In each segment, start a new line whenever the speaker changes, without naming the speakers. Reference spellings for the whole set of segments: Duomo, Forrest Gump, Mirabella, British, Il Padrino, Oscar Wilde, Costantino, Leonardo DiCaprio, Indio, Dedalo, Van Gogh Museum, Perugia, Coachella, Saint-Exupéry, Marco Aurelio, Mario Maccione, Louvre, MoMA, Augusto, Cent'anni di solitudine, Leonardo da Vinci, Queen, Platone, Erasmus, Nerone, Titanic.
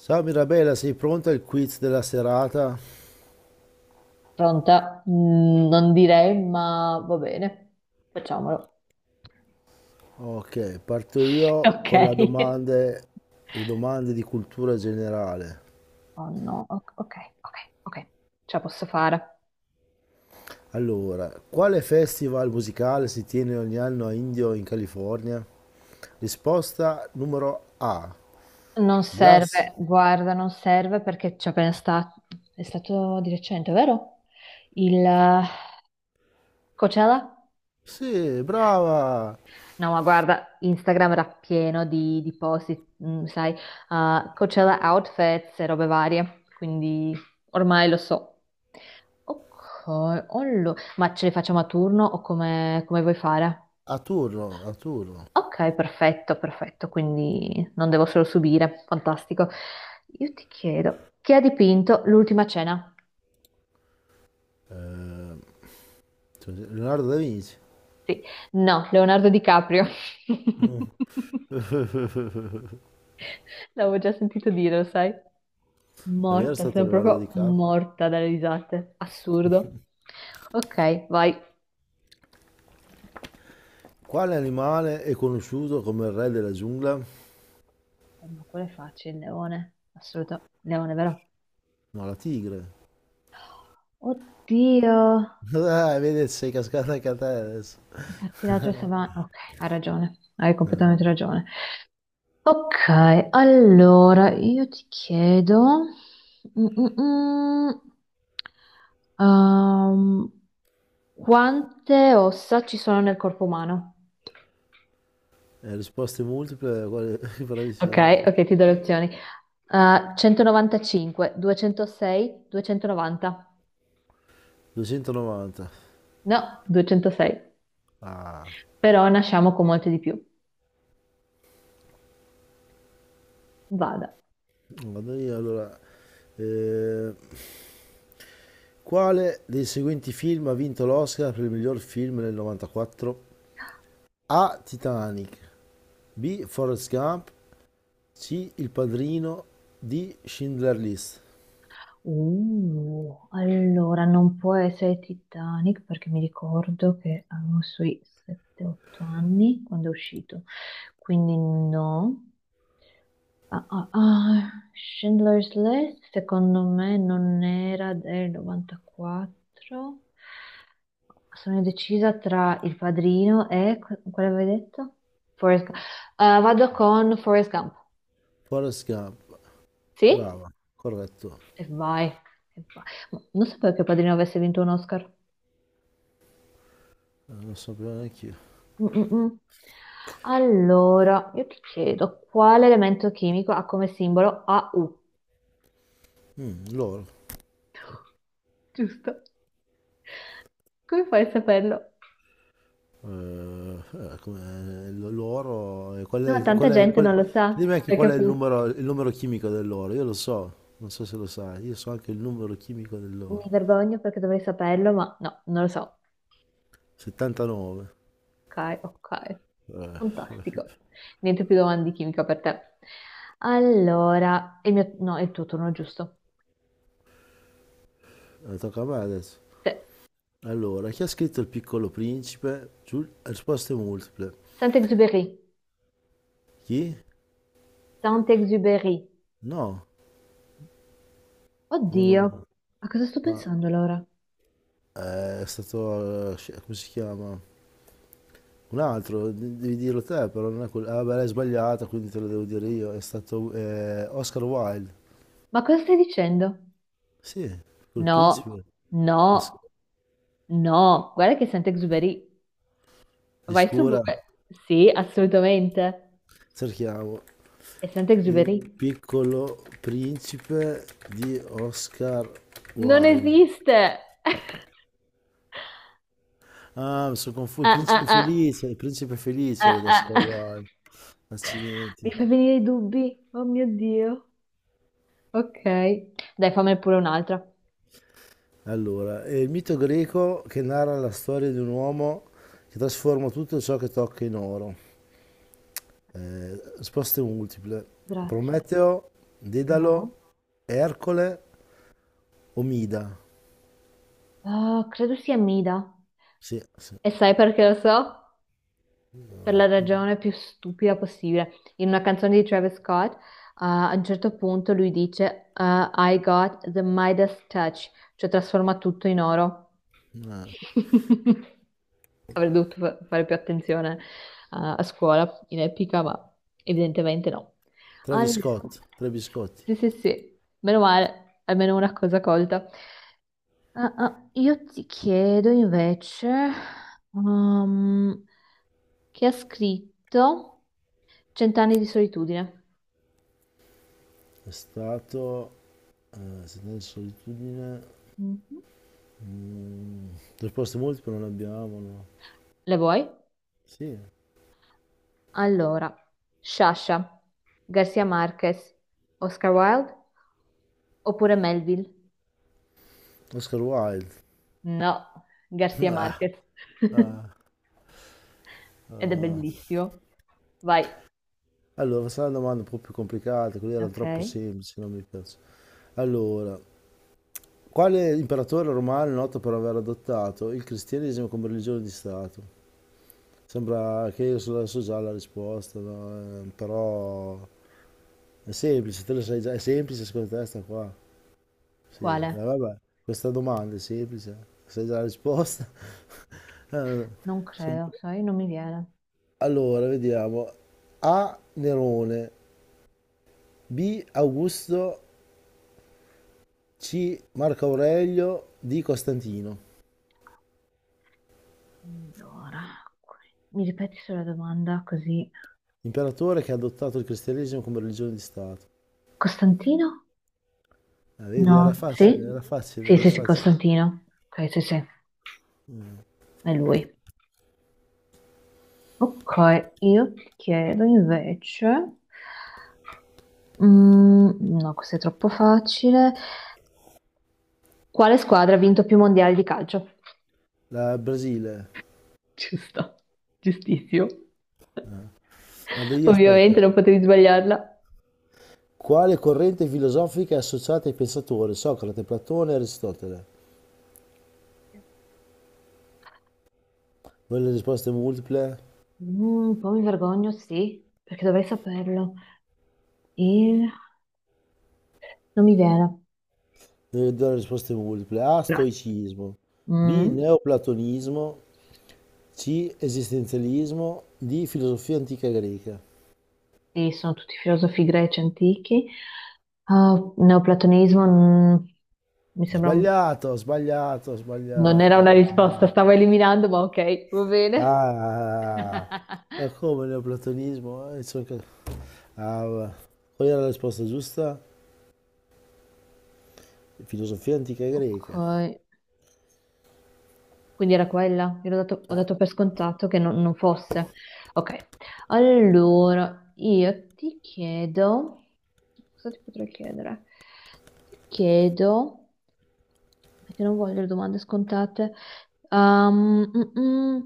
Ciao Mirabella, sei pronta al quiz della serata?
Pronta? Non direi, ma va bene. Facciamolo.
Ok, parto io
Ok.
con la domande, le domande di cultura generale.
Oh no, ok, ok, ok, ce la posso fare.
Allora, quale festival musicale si tiene ogni anno a Indio in California? Risposta numero A.
Non
Glass.
serve, guarda, non serve perché ci ho appena stato, è stato di recente, vero? Il Coachella?
Sì, brava!
No, ma guarda, Instagram era pieno di post, sai, Coachella outfits e robe varie, quindi ormai lo so. Ok, ma ce li facciamo a turno o come vuoi fare?
A turno, a turno.
Ok, perfetto, perfetto, quindi non devo solo subire, fantastico. Io ti chiedo, chi ha dipinto l'ultima cena?
Eh, Leonardo da Vinci.
No, Leonardo DiCaprio.
Non
L'avevo già sentito dire, lo sai?
era
Morta,
stato
sono
Leonardo
proprio
DiCaprio?
morta dalle risate. Assurdo. Ok, vai.
Quale animale è conosciuto come il re della giungla? No,
Ma quello è facile, il leone. Assoluto. Leone, vero?
la tigre.
Oddio.
Ah, vedi, sei cascato anche a te adesso.
Infatti la tua stava... Ok, hai ragione. Hai completamente ragione. Ok, allora io ti chiedo... Mm, mm, mm. Ehm, quante ossa ci sono nel corpo umano?
Risposte multiple,
Ok,
bravissima.
ok, ti do le opzioni. 195, 206, 290.
290.
No, 206.
Ah,
Però nasciamo con molte di più. Vada.
vado io allora. Eh, quale dei seguenti film ha vinto l'Oscar per il miglior film nel 94? A. Titanic. B. Forrest Gump. C. Il Padrino. D. Schindler List.
Allora non può essere Titanic perché mi ricordo che avevo sui 7-8 anni quando è uscito. Quindi no. Ah, ah, ah, Schindler's List secondo me non era del 94. Sono indecisa tra Il Padrino e... Quale avevi detto? Forrest Gump. Vado con Forrest Gump.
Forrest Gump.
Sì?
Brava, corretto.
E vai. E vai. Ma non sapevo che Il Padrino avesse vinto un Oscar.
Non so più neanche io.
Mm, mm, mm. Allora, io ti chiedo, quale elemento chimico ha come simbolo AU?
Mm, loro.
Giusto. Come fai a saperlo?
Come l'oro e
No, tanta gente non lo sa.
dimmi anche
Hai
qual è il
capito?
numero il numero chimico dell'oro, io lo so, non so se lo sai, io so anche il numero chimico
Mi
dell'oro.
vergogno perché dovrei saperlo, ma no, non lo so.
79.
Ok, ok.
Eh,
Fantastico. Niente più domande di chimica per te. Allora, il mio... no, è il tuo turno, giusto.
tocca a me adesso.
Te.
Allora, chi ha scritto Il Piccolo Principe? Risposte multiple.
Saint-Exupéry.
Chi?
Saint-Exupéry.
No, no, no, no.
Oddio, a cosa sto pensando allora?
È stato, come si chiama? Un altro, devi dirlo te, però non è quello. Ah, beh, l'hai sbagliata, quindi te lo devo dire io. È stato Oscar Wilde.
Ma cosa stai dicendo?
Sì, col
No,
principe os-
no, no. Guarda che è Saint-Exupéry. Vai su
oscura,
Google. Sì, assolutamente.
cerchiamo
È
il
Saint-Exupéry.
piccolo principe di Oscar
Non
Wilde.
esiste.
Ah, mi sono confuso.
Ah, ah, ah,
Il principe felice era
ah,
di
ah.
Oscar
ah.
Wilde.
Mi
Accidenti.
fa venire i dubbi. Oh mio Dio. Ok, dai, fammi pure un'altra.
Allora, è il mito greco che narra la storia di un uomo che trasforma tutto ciò che tocca in oro. Risposte multiple.
Grazie.
Prometeo, Dedalo,
No,
Ercole, Omida.
ah, credo sia Mida.
Sì, sì.
E sai perché lo so? Per la ragione più stupida possibile. In una canzone di Travis Scott, a un certo punto lui dice I got the Midas touch, cioè trasforma tutto in oro.
Ah,
Avrei dovuto fare più attenzione, a scuola in epica, ma evidentemente no.
Travis
Allora,
Scott, Travis Scott
sì, sì, sì, meno male, almeno una cosa colta. Io ti chiedo invece, um, chi ha scritto Cent'anni di solitudine?
è stato Sentenza di solitudine.
Mhm.
mm, Risposte multiple non abbiamo, no.
Le vuoi?
Sì,
Allora, Sciascia, Garcia Marquez, Oscar Wilde oppure Melville?
Oscar Wilde.
No, Garcia
Ah,
Marquez.
ah,
Ed è
ah.
bellissimo. Vai.
Allora sarà una domanda un po' più complicata, quella era troppo
Ok.
semplice, non mi piace. Allora, quale imperatore romano è noto per aver adottato il cristianesimo come religione di stato? Sembra che io so già la risposta, no? Però è semplice, te lo sai già, è semplice secondo te sta qua. Sì,
Quale?
vabbè, questa domanda è semplice, sai già la risposta. Eh,
Non
son-
credo, sai, non mi viene.
Allora, vediamo. A. Nerone, B. Augusto, C. Marco Aurelio, D. Costantino.
Allora, que- mi ripeti solo la domanda così.
Imperatore che ha adottato il cristianesimo come religione di Stato.
Costantino?
Ah, vedi, era
No,
facile,
sì?
era facile,
Sì,
era
sì, sì,
facile.
Costantino. Ok, sì, sì, è lui. Ok, io ti chiedo invece, no, questo è troppo facile. Quale squadra ha vinto più mondiali di calcio?
La Brasile.
Ci sta, giustissimo.
Andria,
Ovviamente
aspetta.
non potevi sbagliarla.
Quale corrente filosofica è associata ai pensatori? Socrate, Platone e Aristotele. Voglio le risposte multiple?
Mm, un po' mi vergogno, sì, perché dovrei saperlo. E non mi viene.
Devi dare le risposte multiple. A. Stoicismo. B.
Mm.
Neoplatonismo. C. Esistenzialismo. D. Filosofia antica greca.
Sì, sono tutti filosofi greci antichi. Ah, neoplatonismo, mi sembra
Sbagliato, sbagliato,
non era
sbagliato. Ah,
una risposta, stavo eliminando, ma ok, va bene.
ah. Ah. Ma come neoplatonismo? Ah, va. Qual era la risposta giusta? Filosofia antica
Ok,
greca.
quindi era quella. Io ho dato per scontato che non fosse. Ok, allora io ti chiedo, cosa ti potrei chiedere? Ti chiedo, perché non voglio le domande scontate. Ehm, mm, mm.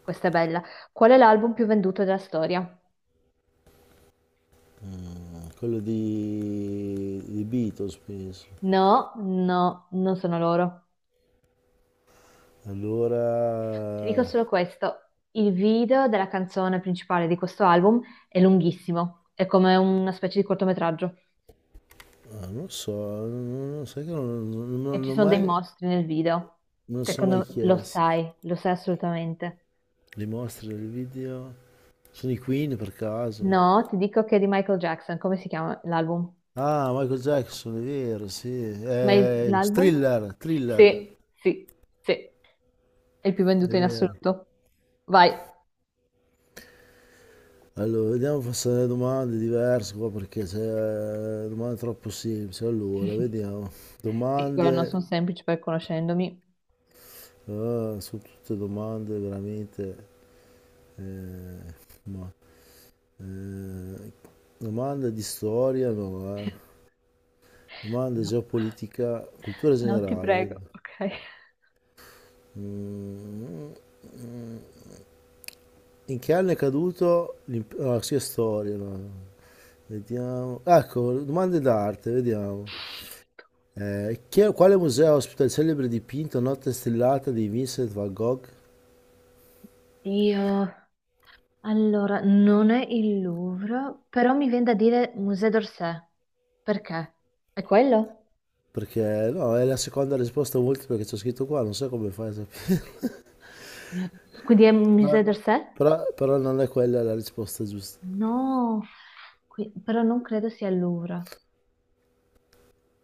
Questa è bella. Qual è l'album più venduto della storia?
Quello di Beatles, penso.
No, no, non sono loro. Ti dico
Allora,
solo questo. Il video della canzone principale di questo album è lunghissimo, è come una specie di cortometraggio
ah, non so, non, non- sai che non, non- non-
e
non
ci
ho
sono dei
mai,
mostri nel video.
non lo sono mai
Secondo me
chiesto.
lo sai assolutamente.
Le mostre, i video, sono i Queen per caso.
No, ti dico che è di Michael Jackson, come si chiama l'album?
Ah, Michael Jackson, è vero, sì.
Ma l'album?
Thriller, thriller,
Sì, sì, sì, è il più
è
venduto in
vero.
assoluto. Vai,
Allora, vediamo se le domande diverse qua perché se domande troppo semplici. Allora, vediamo.
sì, quello non
Domande.
sono semplice per conoscendomi.
Ah, sono tutte domande veramente... eh, ma, eh, domande di storia, no, eh. Domande
No,
geopolitica, cultura
no, ti
generale.
prego,
Vediamo.
ok.
Mm, mm. In che anno è caduto l'impero... Ah, sì, è storia, no, no. Vediamo. Ecco, domande d'arte, vediamo. Quale museo ospita il celebre dipinto Notte stellata di Vincent van Gogh?
Io, allora, non è il Louvre, però mi viene da dire Musée d'Orsay. Perché? È quello?
Perché no, è la seconda risposta multipla che c'è scritto qua, non so come fai a sapere.
Mio- Quindi è Musée d'Orsay?
Però non è quella la risposta giusta.
No, però non credo sia il Louvre.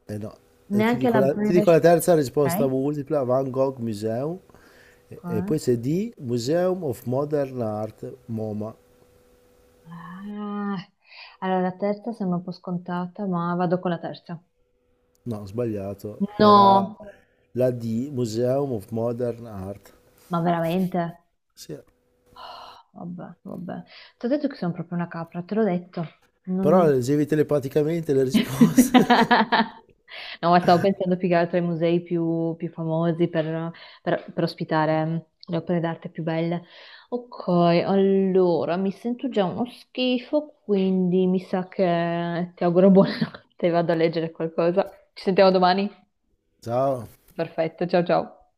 No, Eh, ti
Neanche
dico
la
la, ti dico
British.
la terza risposta
Ok.
multipla, Van Gogh Museum, e poi
Ok.
c'è D, Museum of Modern Art, MoMA.
Ah, allora, la terza sembra un po' scontata, ma vado con la terza.
No, ho sbagliato, era
No,
la D, Museum of Modern Art.
ma veramente?
Sì,
Vabbè, vabbè. Ti ho detto che sono proprio una capra, te l'ho detto.
però
Non-
leggevi telepaticamente le risposte.
No, ma stavo pensando più che altro ai musei più famosi per ospitare le opere d'arte più belle. Ok, allora mi sento già uno schifo, quindi mi sa che ti auguro buonanotte, vado a leggere qualcosa. Ci sentiamo domani?
Ciao.
Perfetto, ciao ciao.